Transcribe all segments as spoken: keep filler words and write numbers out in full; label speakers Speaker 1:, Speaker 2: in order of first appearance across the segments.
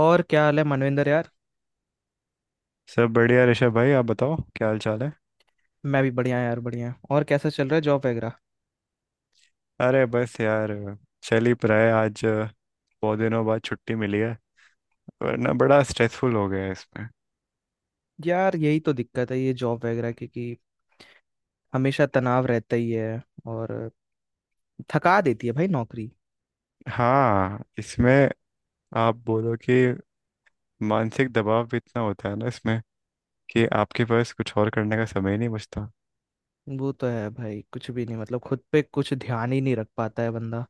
Speaker 1: और क्या हाल है मनविंदर यार?
Speaker 2: सब बढ़िया ऋषभ भाई। आप बताओ क्या हाल चाल है।
Speaker 1: मैं भी बढ़िया यार, बढ़िया। और कैसा चल रहा है जॉब वगैरह?
Speaker 2: अरे बस यार, चल ही रहा है। आज अ, बहुत दिनों बाद छुट्टी मिली है। वरना बड़ा स्ट्रेसफुल हो गया है इसमें।
Speaker 1: यार, यही तो दिक्कत है ये जॉब वगैरह की कि हमेशा तनाव रहता ही है। और थका देती है भाई नौकरी।
Speaker 2: हाँ, इसमें आप बोलो कि मानसिक दबाव भी इतना होता है ना इसमें, कि आपके पास कुछ और करने का समय ही नहीं बचता।
Speaker 1: वो तो है भाई, कुछ भी नहीं मतलब खुद पे कुछ ध्यान ही नहीं रख पाता है बंदा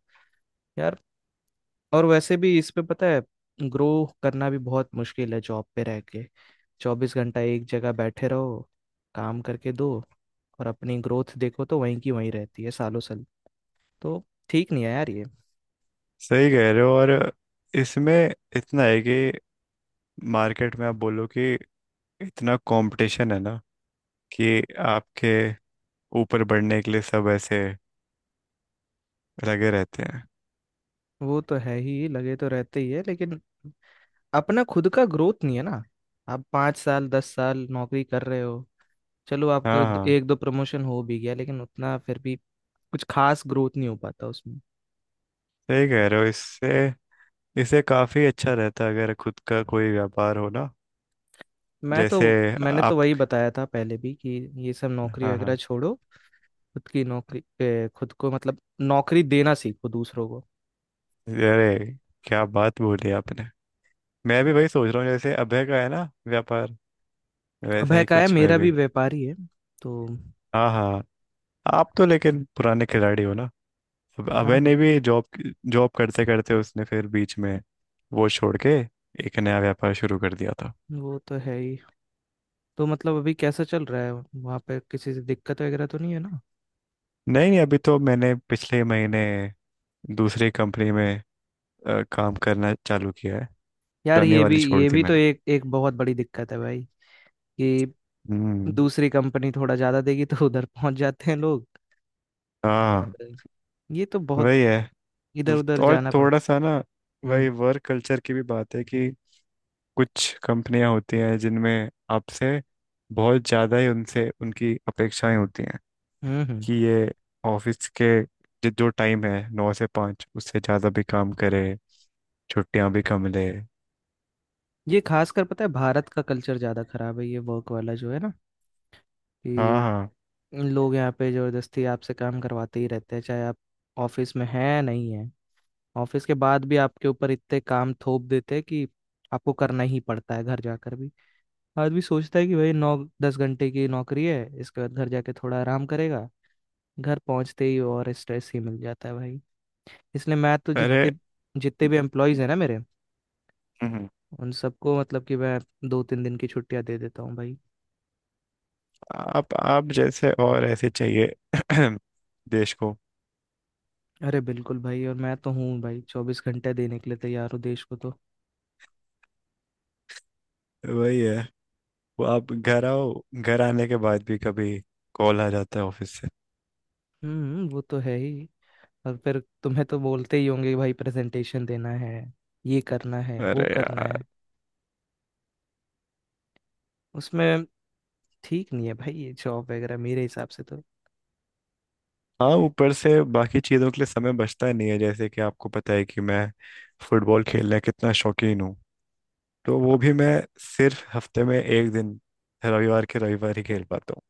Speaker 1: यार। और वैसे भी इस पे पता है, ग्रो करना भी बहुत मुश्किल है जॉब पे रह के। चौबीस घंटा एक जगह बैठे रहो, काम करके दो, और अपनी ग्रोथ देखो तो वहीं की वहीं रहती है सालों साल। तो ठीक नहीं है यार ये।
Speaker 2: सही कह रहे हो। और इसमें इतना है कि मार्केट में आप बोलो कि इतना कंपटीशन है ना, कि आपके ऊपर बढ़ने के लिए सब ऐसे लगे रहते हैं।
Speaker 1: वो तो है ही, लगे तो रहते ही है, लेकिन अपना खुद का ग्रोथ नहीं है ना। आप पाँच साल दस साल नौकरी कर रहे हो, चलो आपका
Speaker 2: हाँ
Speaker 1: दो-
Speaker 2: हाँ।
Speaker 1: एक दो प्रमोशन हो भी गया, लेकिन उतना फिर भी कुछ खास ग्रोथ नहीं हो पाता उसमें।
Speaker 2: सही कह रहे हो। इससे इससे काफी अच्छा रहता है अगर खुद का कोई व्यापार हो ना।
Speaker 1: मैं तो
Speaker 2: जैसे
Speaker 1: मैंने तो
Speaker 2: आप।
Speaker 1: वही बताया था पहले भी कि ये सब नौकरी
Speaker 2: हाँ
Speaker 1: वगैरह
Speaker 2: हाँ।
Speaker 1: छोड़ो। खुद की नौकरी ए, खुद को मतलब नौकरी देना सीखो दूसरों को।
Speaker 2: अरे क्या बात बोली आपने! मैं भी वही सोच रहा हूँ, जैसे अभय का है ना व्यापार, वैसा
Speaker 1: अभय
Speaker 2: ही
Speaker 1: का है,
Speaker 2: कुछ मैं
Speaker 1: मेरा भी
Speaker 2: भी।
Speaker 1: व्यापारी है तो।
Speaker 2: हाँ हाँ। आप तो लेकिन पुराने खिलाड़ी हो ना। अब
Speaker 1: हाँ
Speaker 2: अभय
Speaker 1: हाँ।
Speaker 2: ने भी जॉब जॉब करते करते उसने फिर बीच में वो छोड़ के एक नया व्यापार शुरू कर दिया था।
Speaker 1: वो तो है ही। तो मतलब अभी कैसा चल रहा है वहाँ पे, किसी से दिक्कत वगैरह तो नहीं है ना?
Speaker 2: नहीं नहीं, अभी तो मैंने पिछले महीने दूसरी कंपनी में अ, काम करना चालू किया है।
Speaker 1: यार,
Speaker 2: पुरानी
Speaker 1: ये
Speaker 2: वाली
Speaker 1: भी
Speaker 2: छोड़
Speaker 1: ये
Speaker 2: दी
Speaker 1: भी तो
Speaker 2: मैंने।
Speaker 1: एक एक बहुत बड़ी दिक्कत है भाई, कि
Speaker 2: हम्म।
Speaker 1: दूसरी कंपनी थोड़ा ज्यादा देगी तो उधर पहुंच जाते हैं लोग।
Speaker 2: हाँ
Speaker 1: और ये तो बहुत
Speaker 2: वही है।
Speaker 1: इधर उधर
Speaker 2: और
Speaker 1: जाना पड़ता
Speaker 2: थोड़ा सा ना,
Speaker 1: है। हम्म,
Speaker 2: वही वर्क कल्चर की भी बात है कि कुछ कंपनियां होती हैं जिनमें आपसे बहुत ज़्यादा ही उनसे उनकी अपेक्षाएं होती हैं,
Speaker 1: हम्म, हम्म।
Speaker 2: कि ये ऑफिस के जो जो टाइम है, नौ से पाँच, उससे ज़्यादा भी काम करे, छुट्टियां भी कम ले।
Speaker 1: ये खासकर पता है, भारत का कल्चर ज्यादा खराब है ये वर्क वाला जो है ना,
Speaker 2: हाँ
Speaker 1: कि
Speaker 2: हाँ।
Speaker 1: लोग यहाँ पे जबरदस्ती आपसे काम करवाते ही रहते हैं, चाहे आप ऑफिस में हैं नहीं है। ऑफिस के बाद भी आपके ऊपर इतने काम थोप देते हैं कि आपको करना ही पड़ता है घर जाकर भी। आदमी सोचता है कि भाई नौ दस घंटे की नौकरी है, इसके बाद घर जाके थोड़ा आराम करेगा। घर पहुंचते ही और स्ट्रेस ही मिल जाता है भाई। इसलिए मैं तो
Speaker 2: अरे।
Speaker 1: जितने जितने भी एम्प्लॉयज हैं ना मेरे,
Speaker 2: हम्म,
Speaker 1: उन सबको मतलब कि मैं दो तीन दिन की छुट्टियां दे देता हूँ भाई।
Speaker 2: आप आप जैसे और ऐसे चाहिए देश को।
Speaker 1: अरे बिल्कुल भाई। और मैं तो हूँ भाई, चौबीस घंटे देने के लिए तैयार हूँ देश को तो।
Speaker 2: वही है। वो आप घर आओ, घर आने के बाद भी कभी कॉल आ जाता है ऑफिस से।
Speaker 1: हम्म, वो तो है ही। और फिर तुम्हें तो बोलते ही होंगे कि भाई प्रेजेंटेशन देना है, ये करना है, वो
Speaker 2: अरे
Speaker 1: करना
Speaker 2: यार!
Speaker 1: है उसमें। ठीक नहीं है भाई ये जॉब वगैरह मेरे हिसाब से तो।
Speaker 2: हाँ, ऊपर से बाकी चीज़ों के लिए समय बचता नहीं है। जैसे कि आपको पता है कि मैं फुटबॉल खेलने का कितना शौकीन हूँ, तो वो भी मैं सिर्फ हफ्ते में एक दिन, रविवार के रविवार ही खेल पाता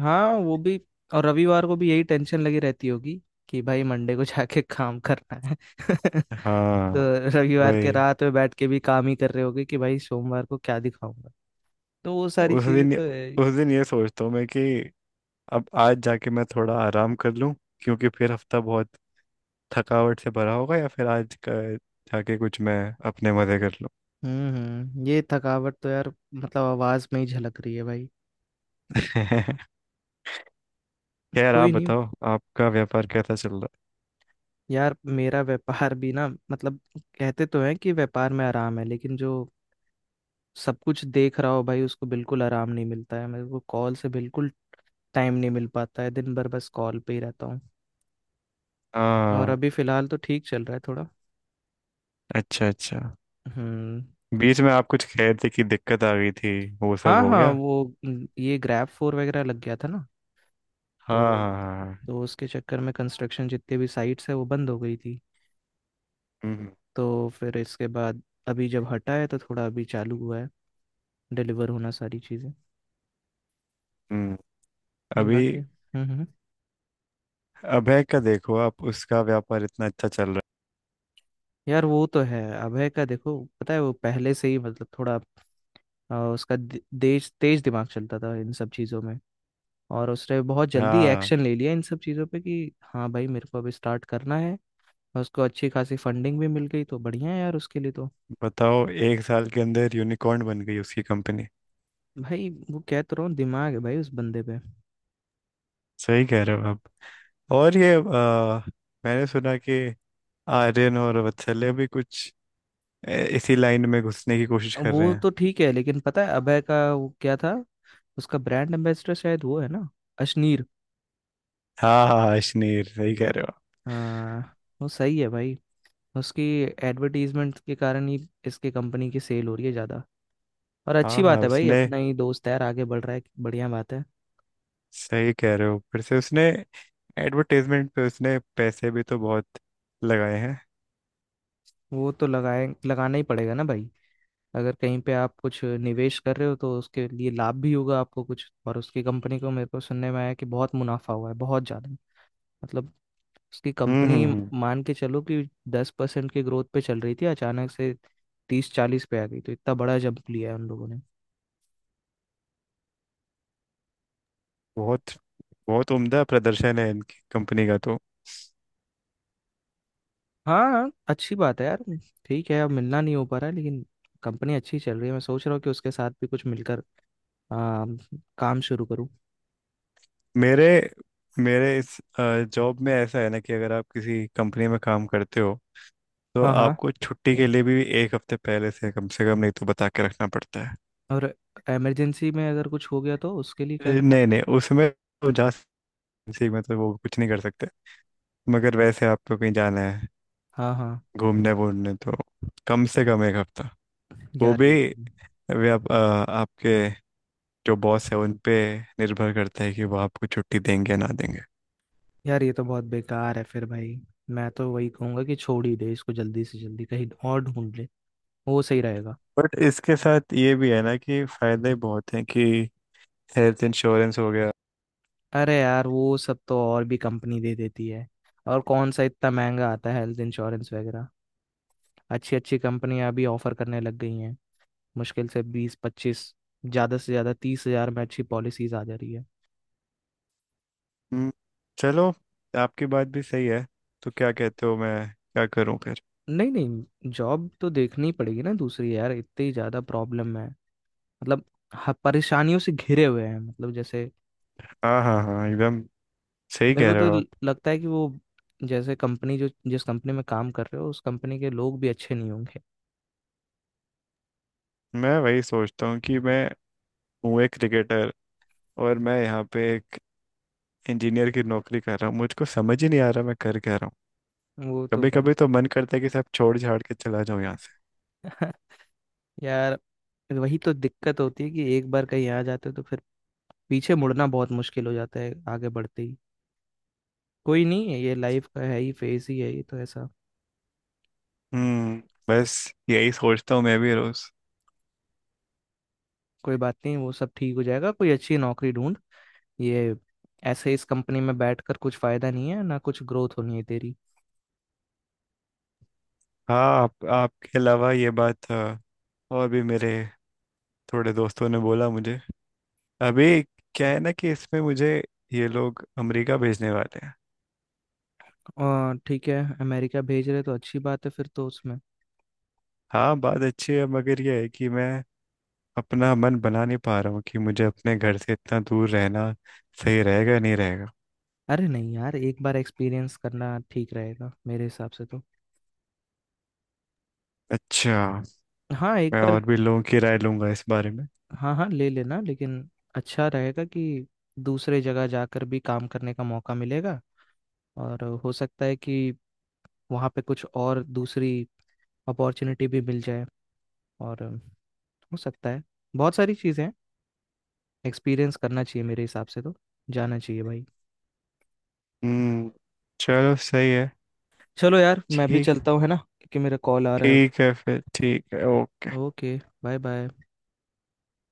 Speaker 1: हाँ वो भी। और रविवार को भी यही टेंशन लगी रहती होगी कि भाई मंडे को जाके काम करना है।
Speaker 2: हूँ। हाँ
Speaker 1: तो रविवार के
Speaker 2: वही।
Speaker 1: रात में बैठ के भी काम ही कर रहे होगे कि भाई सोमवार को क्या दिखाऊंगा। तो वो सारी
Speaker 2: उस
Speaker 1: चीजें
Speaker 2: दिन
Speaker 1: तो है ही।
Speaker 2: उस दिन ये सोचता हूँ मैं कि अब आज जाके मैं थोड़ा आराम कर लूँ, क्योंकि फिर हफ्ता बहुत थकावट से भरा होगा, या फिर आज का जाके कुछ मैं अपने मजे कर
Speaker 1: हम्म, हम्म। ये थकावट तो यार, मतलब आवाज में ही झलक रही है भाई।
Speaker 2: लूँ। खैर आप
Speaker 1: कोई नहीं।
Speaker 2: बताओ, आपका व्यापार कैसा चल रहा है।
Speaker 1: यार मेरा व्यापार भी ना, मतलब कहते तो हैं कि व्यापार में आराम है, लेकिन जो सब कुछ देख रहा हो भाई उसको बिल्कुल आराम नहीं मिलता है। मेरे को कॉल से बिल्कुल टाइम नहीं मिल पाता है, दिन भर बस कॉल पे ही रहता हूँ। और
Speaker 2: हाँ,
Speaker 1: अभी फिलहाल तो ठीक चल रहा है थोड़ा।
Speaker 2: अच्छा अच्छा।
Speaker 1: हम्म।
Speaker 2: बीच में आप कुछ कह रहे थे कि दिक्कत आ गई थी, वो सब
Speaker 1: हाँ
Speaker 2: हो
Speaker 1: हाँ।
Speaker 2: गया?
Speaker 1: वो न- ये ग्रैब फोर वगैरह लग गया था ना।
Speaker 2: हाँ
Speaker 1: तो
Speaker 2: हाँ हाँ हाँ।
Speaker 1: तो उसके चक्कर में कंस्ट्रक्शन जितने भी साइट्स है वो बंद हो गई थी।
Speaker 2: हम्म
Speaker 1: तो फिर इसके बाद अभी जब हटा है तो थोड़ा अभी चालू हुआ है, डिलीवर होना सारी चीज़ें
Speaker 2: हम्म।
Speaker 1: ना
Speaker 2: अभी
Speaker 1: बाकी। हम्म, हम्म।
Speaker 2: अभय का देखो, आप उसका व्यापार इतना अच्छा चल रहा
Speaker 1: यार वो तो है, अभय का देखो पता है वो पहले से ही मतलब थोड़ा, अ, उसका दे- तेज तेज दिमाग चलता था इन सब चीज़ों में। और उसने बहुत
Speaker 2: है।
Speaker 1: जल्दी
Speaker 2: हाँ,
Speaker 1: एक्शन ले लिया इन सब चीज़ों पे कि हाँ भाई मेरे को अब स्टार्ट करना है। और उसको अच्छी खासी फंडिंग भी मिल गई, तो बढ़िया है यार उसके लिए तो।
Speaker 2: बताओ, एक साल के अंदर यूनिकॉर्न बन गई उसकी कंपनी।
Speaker 1: भाई वो कह तो रहा हूँ, दिमाग है भाई उस बंदे पे।
Speaker 2: सही कह रहे हो आप। और ये आ, मैंने सुना कि आर्यन और वत्सल्य भी कुछ ए, इसी लाइन में घुसने की कोशिश कर रहे
Speaker 1: वो
Speaker 2: हैं।
Speaker 1: तो ठीक है, लेकिन पता है अभय का वो क्या था, उसका ब्रांड एम्बेसडर शायद वो है ना, अशनीर।
Speaker 2: हाँ हाँ हाँ, अश्नीर। सही कह रहे हो।
Speaker 1: आ, वो सही है भाई। उसकी एडवर्टीजमेंट के कारण ही इसके कंपनी की सेल हो रही है ज़्यादा। और
Speaker 2: हाँ
Speaker 1: अच्छी
Speaker 2: हाँ।
Speaker 1: बात है भाई,
Speaker 2: उसने
Speaker 1: अपना ही दोस्त है यार, आगे बढ़ रहा है, बढ़िया बात है।
Speaker 2: सही कह रहे हो। फिर से उसने एडवर्टाइजमेंट पे उसने पैसे भी तो बहुत लगाए हैं।
Speaker 1: वो तो लगाए, लगाना ही पड़ेगा ना भाई। अगर कहीं पे आप कुछ निवेश कर रहे हो तो उसके लिए लाभ भी होगा आपको कुछ। और उसकी कंपनी को मेरे को सुनने में आया कि बहुत मुनाफा हुआ है, बहुत ज़्यादा, मतलब उसकी
Speaker 2: हम्म हम्म
Speaker 1: कंपनी,
Speaker 2: हम्म।
Speaker 1: मान के चलो कि दस परसेंट की ग्रोथ पे चल रही थी, अचानक से तीस चालीस पे आ गई। तो इतना बड़ा जंप लिया है उन लोगों ने।
Speaker 2: बहुत बहुत उम्दा प्रदर्शन है इनकी कंपनी का तो।
Speaker 1: हाँ अच्छी बात है यार। ठीक है, अब मिलना नहीं हो पा रहा है, लेकिन कंपनी अच्छी चल रही है, मैं सोच रहा हूँ कि उसके साथ भी कुछ मिलकर आ, काम शुरू करूँ।
Speaker 2: मेरे मेरे इस जॉब में ऐसा है ना कि अगर आप किसी कंपनी में काम करते हो, तो
Speaker 1: हाँ हाँ।
Speaker 2: आपको छुट्टी के लिए भी एक हफ्ते पहले से कम से कम नहीं तो बता के रखना पड़ता है।
Speaker 1: और इमरजेंसी में अगर कुछ हो गया तो उसके लिए क्या
Speaker 2: ए,
Speaker 1: करना
Speaker 2: नहीं
Speaker 1: पड़ेगा?
Speaker 2: नहीं, उसमें तो जा सी में तो वो कुछ नहीं कर सकते। मगर वैसे आपको कहीं जाना है,
Speaker 1: हाँ हाँ।
Speaker 2: घूमने वूमने, तो कम से कम एक हफ्ता, वो
Speaker 1: यार
Speaker 2: भी
Speaker 1: ये तो
Speaker 2: अभी आप अ, आपके जो बॉस है उन पे निर्भर करता है कि वो आपको छुट्टी देंगे या ना देंगे।
Speaker 1: यार ये तो बहुत बेकार है फिर भाई। मैं तो वही कहूंगा कि छोड़ ही दे इसको, जल्दी से जल्दी कहीं और ढूंढ ले, वो सही रहेगा।
Speaker 2: बट इसके साथ ये भी है ना कि फायदे बहुत हैं, कि हेल्थ इंश्योरेंस हो गया।
Speaker 1: अरे यार, वो सब तो और भी कंपनी दे देती है। और कौन सा इतना महंगा आता है हेल्थ इंश्योरेंस वगैरह, अच्छी अच्छी कंपनियां भी ऑफर करने लग गई हैं, मुश्किल से बीस पच्चीस, ज़्यादा से ज़्यादा तीस हज़ार में अच्छी पॉलिसीज आ जा रही है।
Speaker 2: हम्म। चलो, आपकी बात भी सही है। तो क्या कहते हो, मैं क्या करूं फिर?
Speaker 1: नहीं नहीं, जॉब तो देखनी पड़ेगी ना दूसरी, यार इतनी ज़्यादा प्रॉब्लम है मतलब, ह- परेशानियों से घिरे हुए हैं मतलब, जैसे
Speaker 2: हाँ हाँ हाँ, एकदम। सही
Speaker 1: मेरे
Speaker 2: कह
Speaker 1: को
Speaker 2: रहे
Speaker 1: तो
Speaker 2: हो
Speaker 1: ल-
Speaker 2: आप।
Speaker 1: लगता है कि वो, जैसे कंपनी जो, जिस कंपनी में काम कर रहे हो उस कंपनी के लोग भी अच्छे नहीं होंगे।
Speaker 2: मैं वही सोचता हूँ कि मैं हूँ एक क्रिकेटर, और मैं यहाँ पे एक इंजीनियर की नौकरी कर रहा हूँ। मुझको समझ ही नहीं आ रहा मैं कर क्या रहा हूँ।
Speaker 1: वो तो
Speaker 2: कभी
Speaker 1: भाई।
Speaker 2: कभी तो मन करता है कि सब छोड़ छाड़ के चला जाऊं यहाँ से।
Speaker 1: यार वही तो दिक्कत होती है कि एक बार कहीं आ जाते हो तो फिर पीछे मुड़ना बहुत मुश्किल हो जाता है, आगे बढ़ते ही। कोई नहीं, ये लाइफ का है ही, फेज ही है ये तो ऐसा।
Speaker 2: हम्म। बस यही सोचता हूँ मैं भी रोज।
Speaker 1: कोई बात नहीं, वो सब ठीक हो जाएगा, कोई अच्छी नौकरी ढूंढ ये। ऐसे इस कंपनी में बैठकर कुछ फायदा नहीं है ना, कुछ ग्रोथ होनी है तेरी।
Speaker 2: हाँ, आप, आपके अलावा ये बात अ, और भी मेरे थोड़े दोस्तों ने बोला मुझे अभी। क्या है ना कि इसमें मुझे ये लोग अमेरिका भेजने वाले हैं।
Speaker 1: और ठीक है, अमेरिका भेज रहे तो अच्छी बात है फिर तो उसमें।
Speaker 2: हाँ, बात अच्छी है, मगर ये है कि मैं अपना मन बना नहीं पा रहा हूँ कि मुझे अपने घर से इतना दूर रहना सही रहेगा नहीं रहेगा।
Speaker 1: अरे नहीं यार, एक बार एक्सपीरियंस करना ठीक रहेगा मेरे हिसाब से तो।
Speaker 2: अच्छा।
Speaker 1: हाँ एक
Speaker 2: मैं
Speaker 1: बार।
Speaker 2: और भी लोगों की राय लूंगा इस बारे में।
Speaker 1: हाँ हाँ ले लेना, लेकिन अच्छा रहेगा कि दूसरे जगह जाकर भी काम करने का मौका मिलेगा। और हो सकता है कि वहाँ पे कुछ और दूसरी अपॉर्चुनिटी भी मिल जाए। और हो सकता है, बहुत सारी चीज़ें हैं, एक्सपीरियंस करना चाहिए मेरे हिसाब से तो, जाना चाहिए भाई।
Speaker 2: हम्म। चलो सही है।
Speaker 1: चलो यार, मैं भी
Speaker 2: ठीक।
Speaker 1: चलता हूँ है ना, क्योंकि मेरा कॉल आ रहा
Speaker 2: ठीक है फिर। ठीक है। ओके।
Speaker 1: है। ओके। Bye bye.